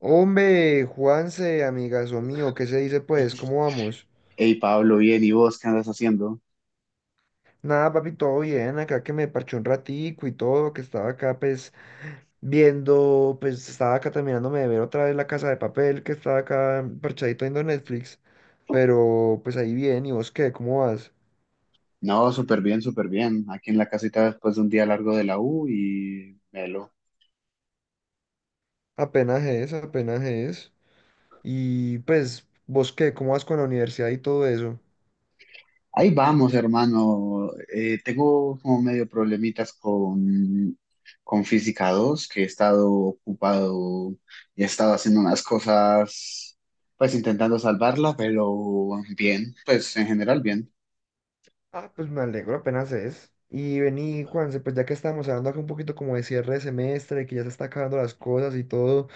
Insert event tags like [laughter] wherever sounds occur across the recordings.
Hombre, Juanse, amigazo mío, ¿qué se dice pues? ¿Cómo vamos? Hey Pablo, bien, ¿y vos qué andas haciendo? Nada, papi, todo bien, acá que me parché un ratico y todo, que estaba acá pues viendo, pues estaba acá terminándome de ver otra vez La Casa de Papel, que estaba acá parchadito viendo Netflix, pero pues ahí bien, ¿y vos qué? ¿Cómo vas? No, súper bien, súper bien. Aquí en la casita después de un día largo de la U y melo. Apenas es, apenas es. Y pues, ¿vos qué? ¿Cómo vas con la universidad y todo eso? Ahí vamos, hermano. Tengo como medio problemitas con Física dos, que he estado ocupado y he estado haciendo unas cosas, pues intentando salvarla, pero bien, pues en general bien. Ah, pues me alegro, apenas es. Y vení, Juanse, pues ya que estamos hablando acá un poquito como de cierre de semestre, que ya se está acabando las cosas y todo,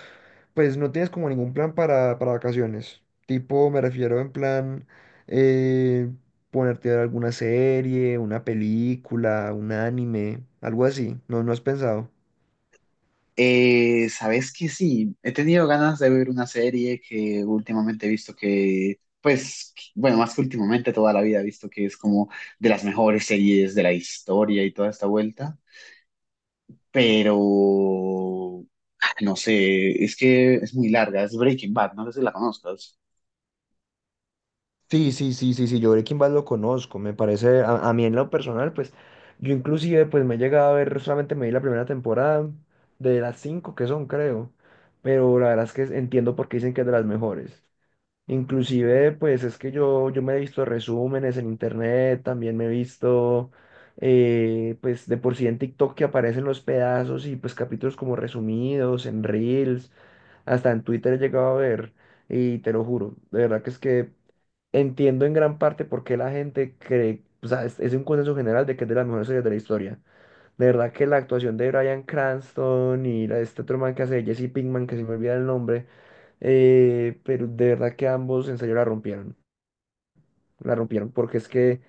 pues no tienes como ningún plan para vacaciones. Tipo, me refiero en plan eh, ponerte a ver alguna serie, una película, un anime, algo así. No, no has pensado. Sabes que sí, he tenido ganas de ver una serie que últimamente he visto que bueno, más que últimamente, toda la vida he visto que es como de las mejores series de la historia y toda esta vuelta, pero no sé, es que es muy larga, es Breaking Bad, no sé si la conozcas. Sí, sí, sí, sí, sí, yo Breaking Bad lo conozco, me parece, a mí en lo personal, pues, yo inclusive, pues, me he llegado a ver, solamente me vi la primera temporada de las cinco que son, creo, pero la verdad es que entiendo por qué dicen que es de las mejores. Inclusive, pues, es que yo me he visto resúmenes en internet, también me he visto, pues, de por sí en TikTok que aparecen los pedazos y, pues, capítulos como resumidos, en Reels, hasta en Twitter he llegado a ver. Y te lo juro, de verdad que es que entiendo en gran parte por qué la gente cree, o sea, es un consenso general de que es de las mejores series de la historia. De verdad que la actuación de Bryan Cranston y la, de este otro man que hace de Jesse Pinkman, que se me olvida el nombre, pero de verdad que ambos en serio la rompieron. La rompieron porque es que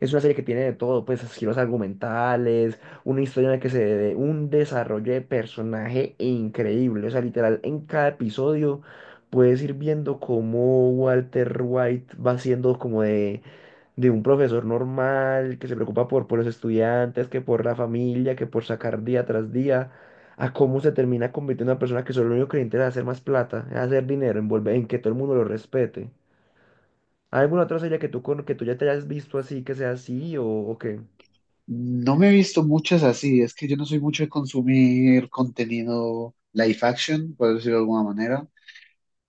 es una serie que tiene de todo, pues giros argumentales, una historia en la que se dé un desarrollo de personaje increíble. O sea, literal, en cada episodio puedes ir viendo cómo Walter White va siendo como de un profesor normal que se preocupa por los estudiantes, que por la familia, que por sacar día tras día, a cómo se termina convirtiendo en una persona que solo lo único que le interesa es hacer más plata, es hacer dinero, en volver- en que todo el mundo lo respete. ¿Hay alguna otra serie que tú, con- que tú ya te hayas visto así, que sea así o qué? No me he visto muchas así, es que yo no soy mucho de consumir contenido live action, por decirlo de alguna manera.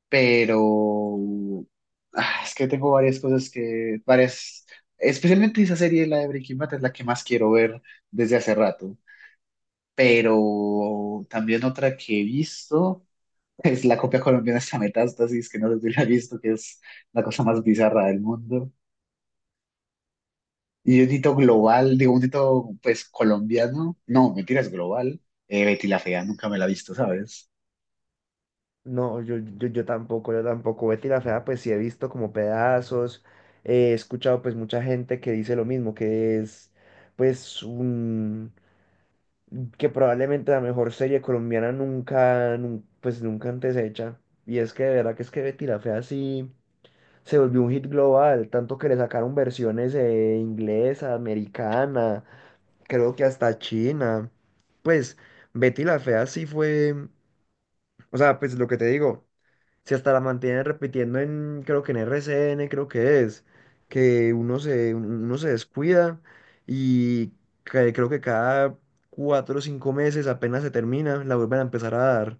Pero es que tengo varias cosas que varias, especialmente esa serie, la de Breaking Bad, es la que más quiero ver desde hace rato, pero también otra que he visto [laughs] es la copia colombiana de esta, Metástasis, que no sé si la he visto, que es la cosa más bizarra del mundo. Y un hito global, digo, un hito pues colombiano, no, mentira, es global. Betty la Fea nunca me la he visto, ¿sabes? No, yo tampoco, yo tampoco. Betty la Fea, pues sí he visto como pedazos, he escuchado pues mucha gente que dice lo mismo, que es pues un, que probablemente la mejor serie colombiana nunca, nun- pues nunca antes hecha. Y es que de verdad que es que Betty la Fea sí se volvió un hit global, tanto que le sacaron versiones inglesa, americana. Creo que hasta China. Pues Betty la Fea sí fue, o sea, pues lo que te digo, si hasta la mantienen repitiendo en, creo que en RCN, creo que es, que uno se descuida y que- creo que cada cuatro o cinco meses apenas se termina, la vuelven a empezar a dar.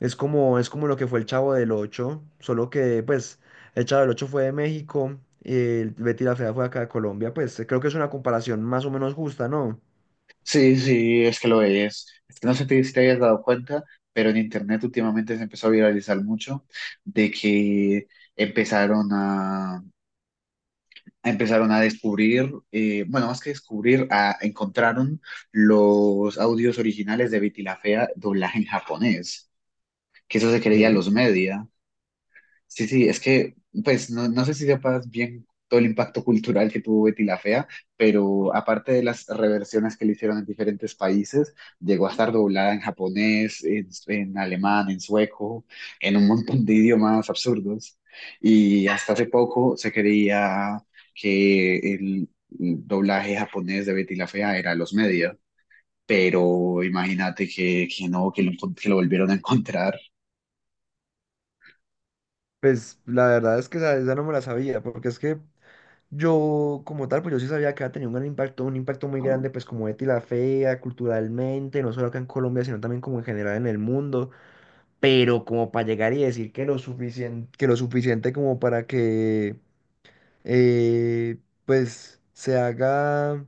Es como lo que fue el Chavo del Ocho, solo que pues el Chavo del Ocho fue de México y el Betty la Fea fue acá de Colombia, pues creo que es una comparación más o menos justa, ¿no? Sí, sí, es que lo es. Es que no sé si te hayas dado cuenta, pero en internet últimamente se empezó a viralizar mucho de que empezaron a, empezaron a descubrir, bueno, más que descubrir, a, encontraron los audios originales de Betty la Fea doblaje en japonés, que eso se creía ¿Qué? los media. Sí, sí, es que, pues, no, no sé si sepas bien todo el impacto cultural que tuvo Betty la Fea, pero aparte de las reversiones que le hicieron en diferentes países, llegó a estar doblada en japonés, en alemán, en sueco, en un montón de idiomas absurdos. Y hasta hace poco se creía que el doblaje japonés de Betty la Fea era los medios, pero imagínate que no, que lo volvieron a encontrar. Pues la verdad es que esa no me la sabía, porque es que yo como tal, pues yo sí sabía que había tenido un gran impacto, un impacto muy grande, pues como Betty la Fea, culturalmente, no solo acá en Colombia, sino también como en general en el mundo, pero como para llegar y decir que lo suficiente como para que eh, pues se haga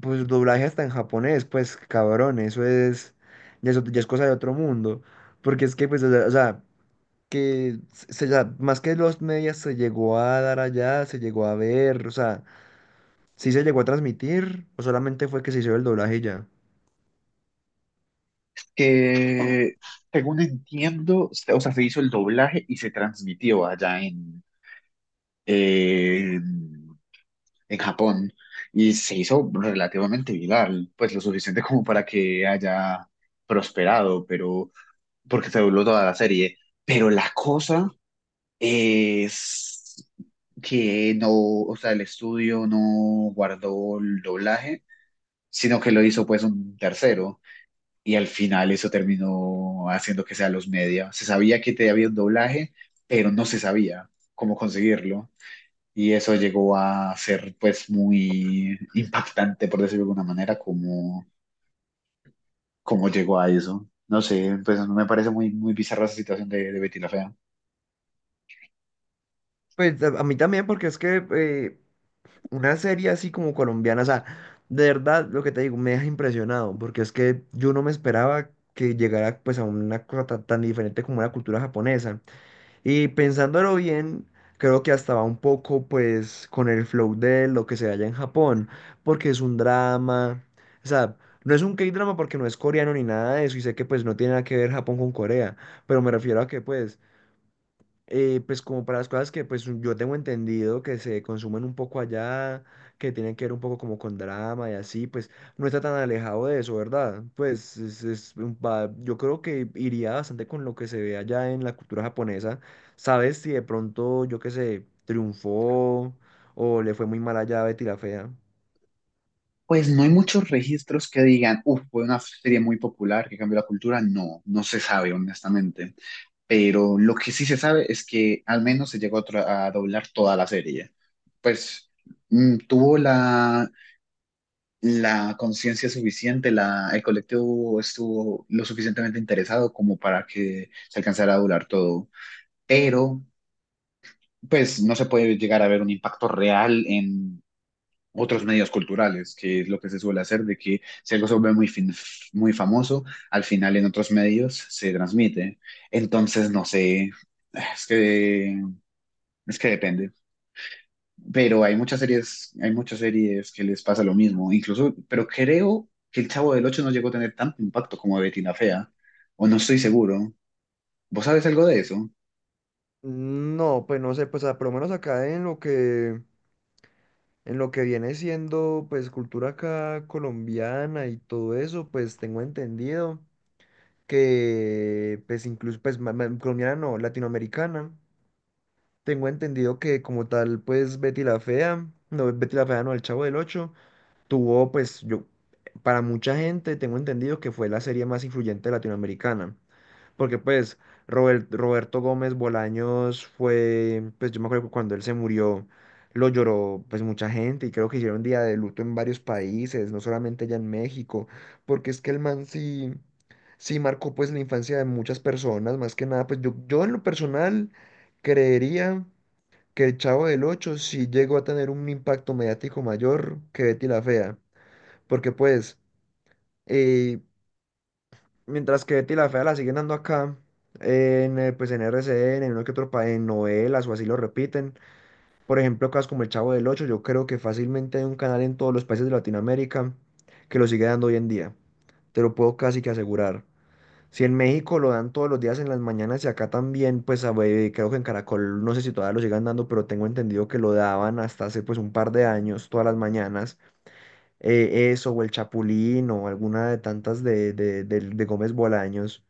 pues doblaje hasta en japonés, pues cabrón, eso es, ya es, ot- ya es cosa de otro mundo, porque es que pues, o sea, que se la- más que los medias se llegó a dar allá, se llegó a ver, o sea, sí se llegó a transmitir, o solamente fue que se hizo el doblaje y ya. Que según entiendo, o sea, se hizo el doblaje y se transmitió allá en, en Japón y se hizo relativamente viral, pues lo suficiente como para que haya prosperado, pero porque se dobló toda la serie. Pero la cosa es que no, o sea, el estudio no guardó el doblaje, sino que lo hizo pues un tercero. Y al final eso terminó haciendo que sea los media. Se sabía que te había un doblaje, pero no se sabía cómo conseguirlo. Y eso llegó a ser pues muy impactante, por decirlo de alguna manera, cómo llegó a eso. No sé, pues me parece muy, muy bizarra esa situación de Betty la Fea. Pues a mí también, porque es que una serie así como colombiana, o sea, de verdad lo que te digo, me deja impresionado, porque es que yo no me esperaba que llegara pues a una cosa tan, tan diferente como la cultura japonesa. Y pensándolo bien, creo que hasta va un poco pues con el flow de lo que se halla en Japón, porque es un drama, o sea, no es un K-drama porque no es coreano ni nada de eso, y sé que pues no tiene nada que ver Japón con Corea, pero me refiero a que pues pues como para las cosas que pues yo tengo entendido que se consumen un poco allá, que tienen que ver un poco como con drama y así, pues no está tan alejado de eso, ¿verdad? Pues es un pa- yo creo que iría bastante con lo que se ve allá en la cultura japonesa. ¿Sabes si de pronto, yo qué sé, triunfó o le fue muy mal allá a Betty la Fea? Pues no hay muchos registros que digan, uff, fue una serie muy popular que cambió la cultura. No, no se sabe, honestamente. Pero lo que sí se sabe es que al menos se llegó a, a doblar toda la serie. Pues mm, tuvo la conciencia suficiente, la, el colectivo estuvo lo suficientemente interesado como para que se alcanzara a doblar todo, pero pues no se puede llegar a ver un impacto real en otros medios culturales, que es lo que se suele hacer, de que si algo se vuelve muy famoso, al final en otros medios se transmite. Entonces, no sé, es que Es que depende, pero hay muchas series que les pasa lo mismo, incluso, pero creo que El Chavo del Ocho no llegó a tener tanto impacto como Betty la Fea, o no estoy seguro. ¿Vos sabes algo de eso? No, pues no sé, pues a- por lo menos acá en lo que viene siendo pues cultura acá colombiana y todo eso, pues tengo entendido que pues incluso pues ma- ma- colombiana no, latinoamericana. Tengo entendido que como tal pues Betty la Fea, no Betty la Fea no, El Chavo del Ocho, tuvo pues yo, para mucha gente tengo entendido que fue la serie más influyente latinoamericana. Porque pues Robert- Roberto Gómez Bolaños fue, pues yo me acuerdo que cuando él se murió, lo lloró pues mucha gente y creo que hicieron día de luto en varios países, no solamente allá en México, porque es que el man sí, sí marcó pues la infancia de muchas personas, más que nada, pues yo en lo personal creería que el Chavo del Ocho sí llegó a tener un impacto mediático mayor que Betty la Fea, porque pues... eh, mientras que Betty la Fea la siguen dando acá, en, pues en RCN, en uno que otro pa- en novelas o así lo repiten. Por ejemplo, cosas como El Chavo del Ocho, yo creo que fácilmente hay un canal en todos los países de Latinoamérica que lo sigue dando hoy en día. Te lo puedo casi que asegurar. Si en México lo dan todos los días en las mañanas y acá también, pues a ver, creo que en Caracol, no sé si todavía lo sigan dando, pero tengo entendido que lo daban hasta hace pues un par de años, todas las mañanas. Eso, o El Chapulín, o alguna de tantas de, del- de Gómez Bolaños.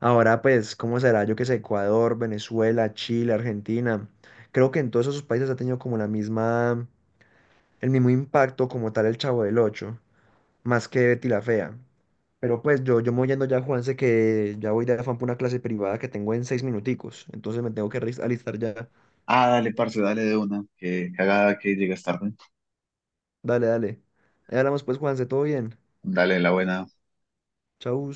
Ahora, pues, ¿cómo será? Yo que sé, Ecuador, Venezuela, Chile, Argentina. Creo que en todos esos países ha tenido como la misma, el mismo impacto como tal el Chavo del Ocho, más que Betty la Fea. Pero pues yo me voy yendo ya, Juanse, que ya voy de afán por una clase privada que tengo en seis minuticos. Entonces me tengo que alis- alistar ya. Ah, dale, parce, dale de una, que cagada que llegas tarde. Dale, dale. Ahí hablamos pues, Juanse, todo bien. Dale la buena. Chau.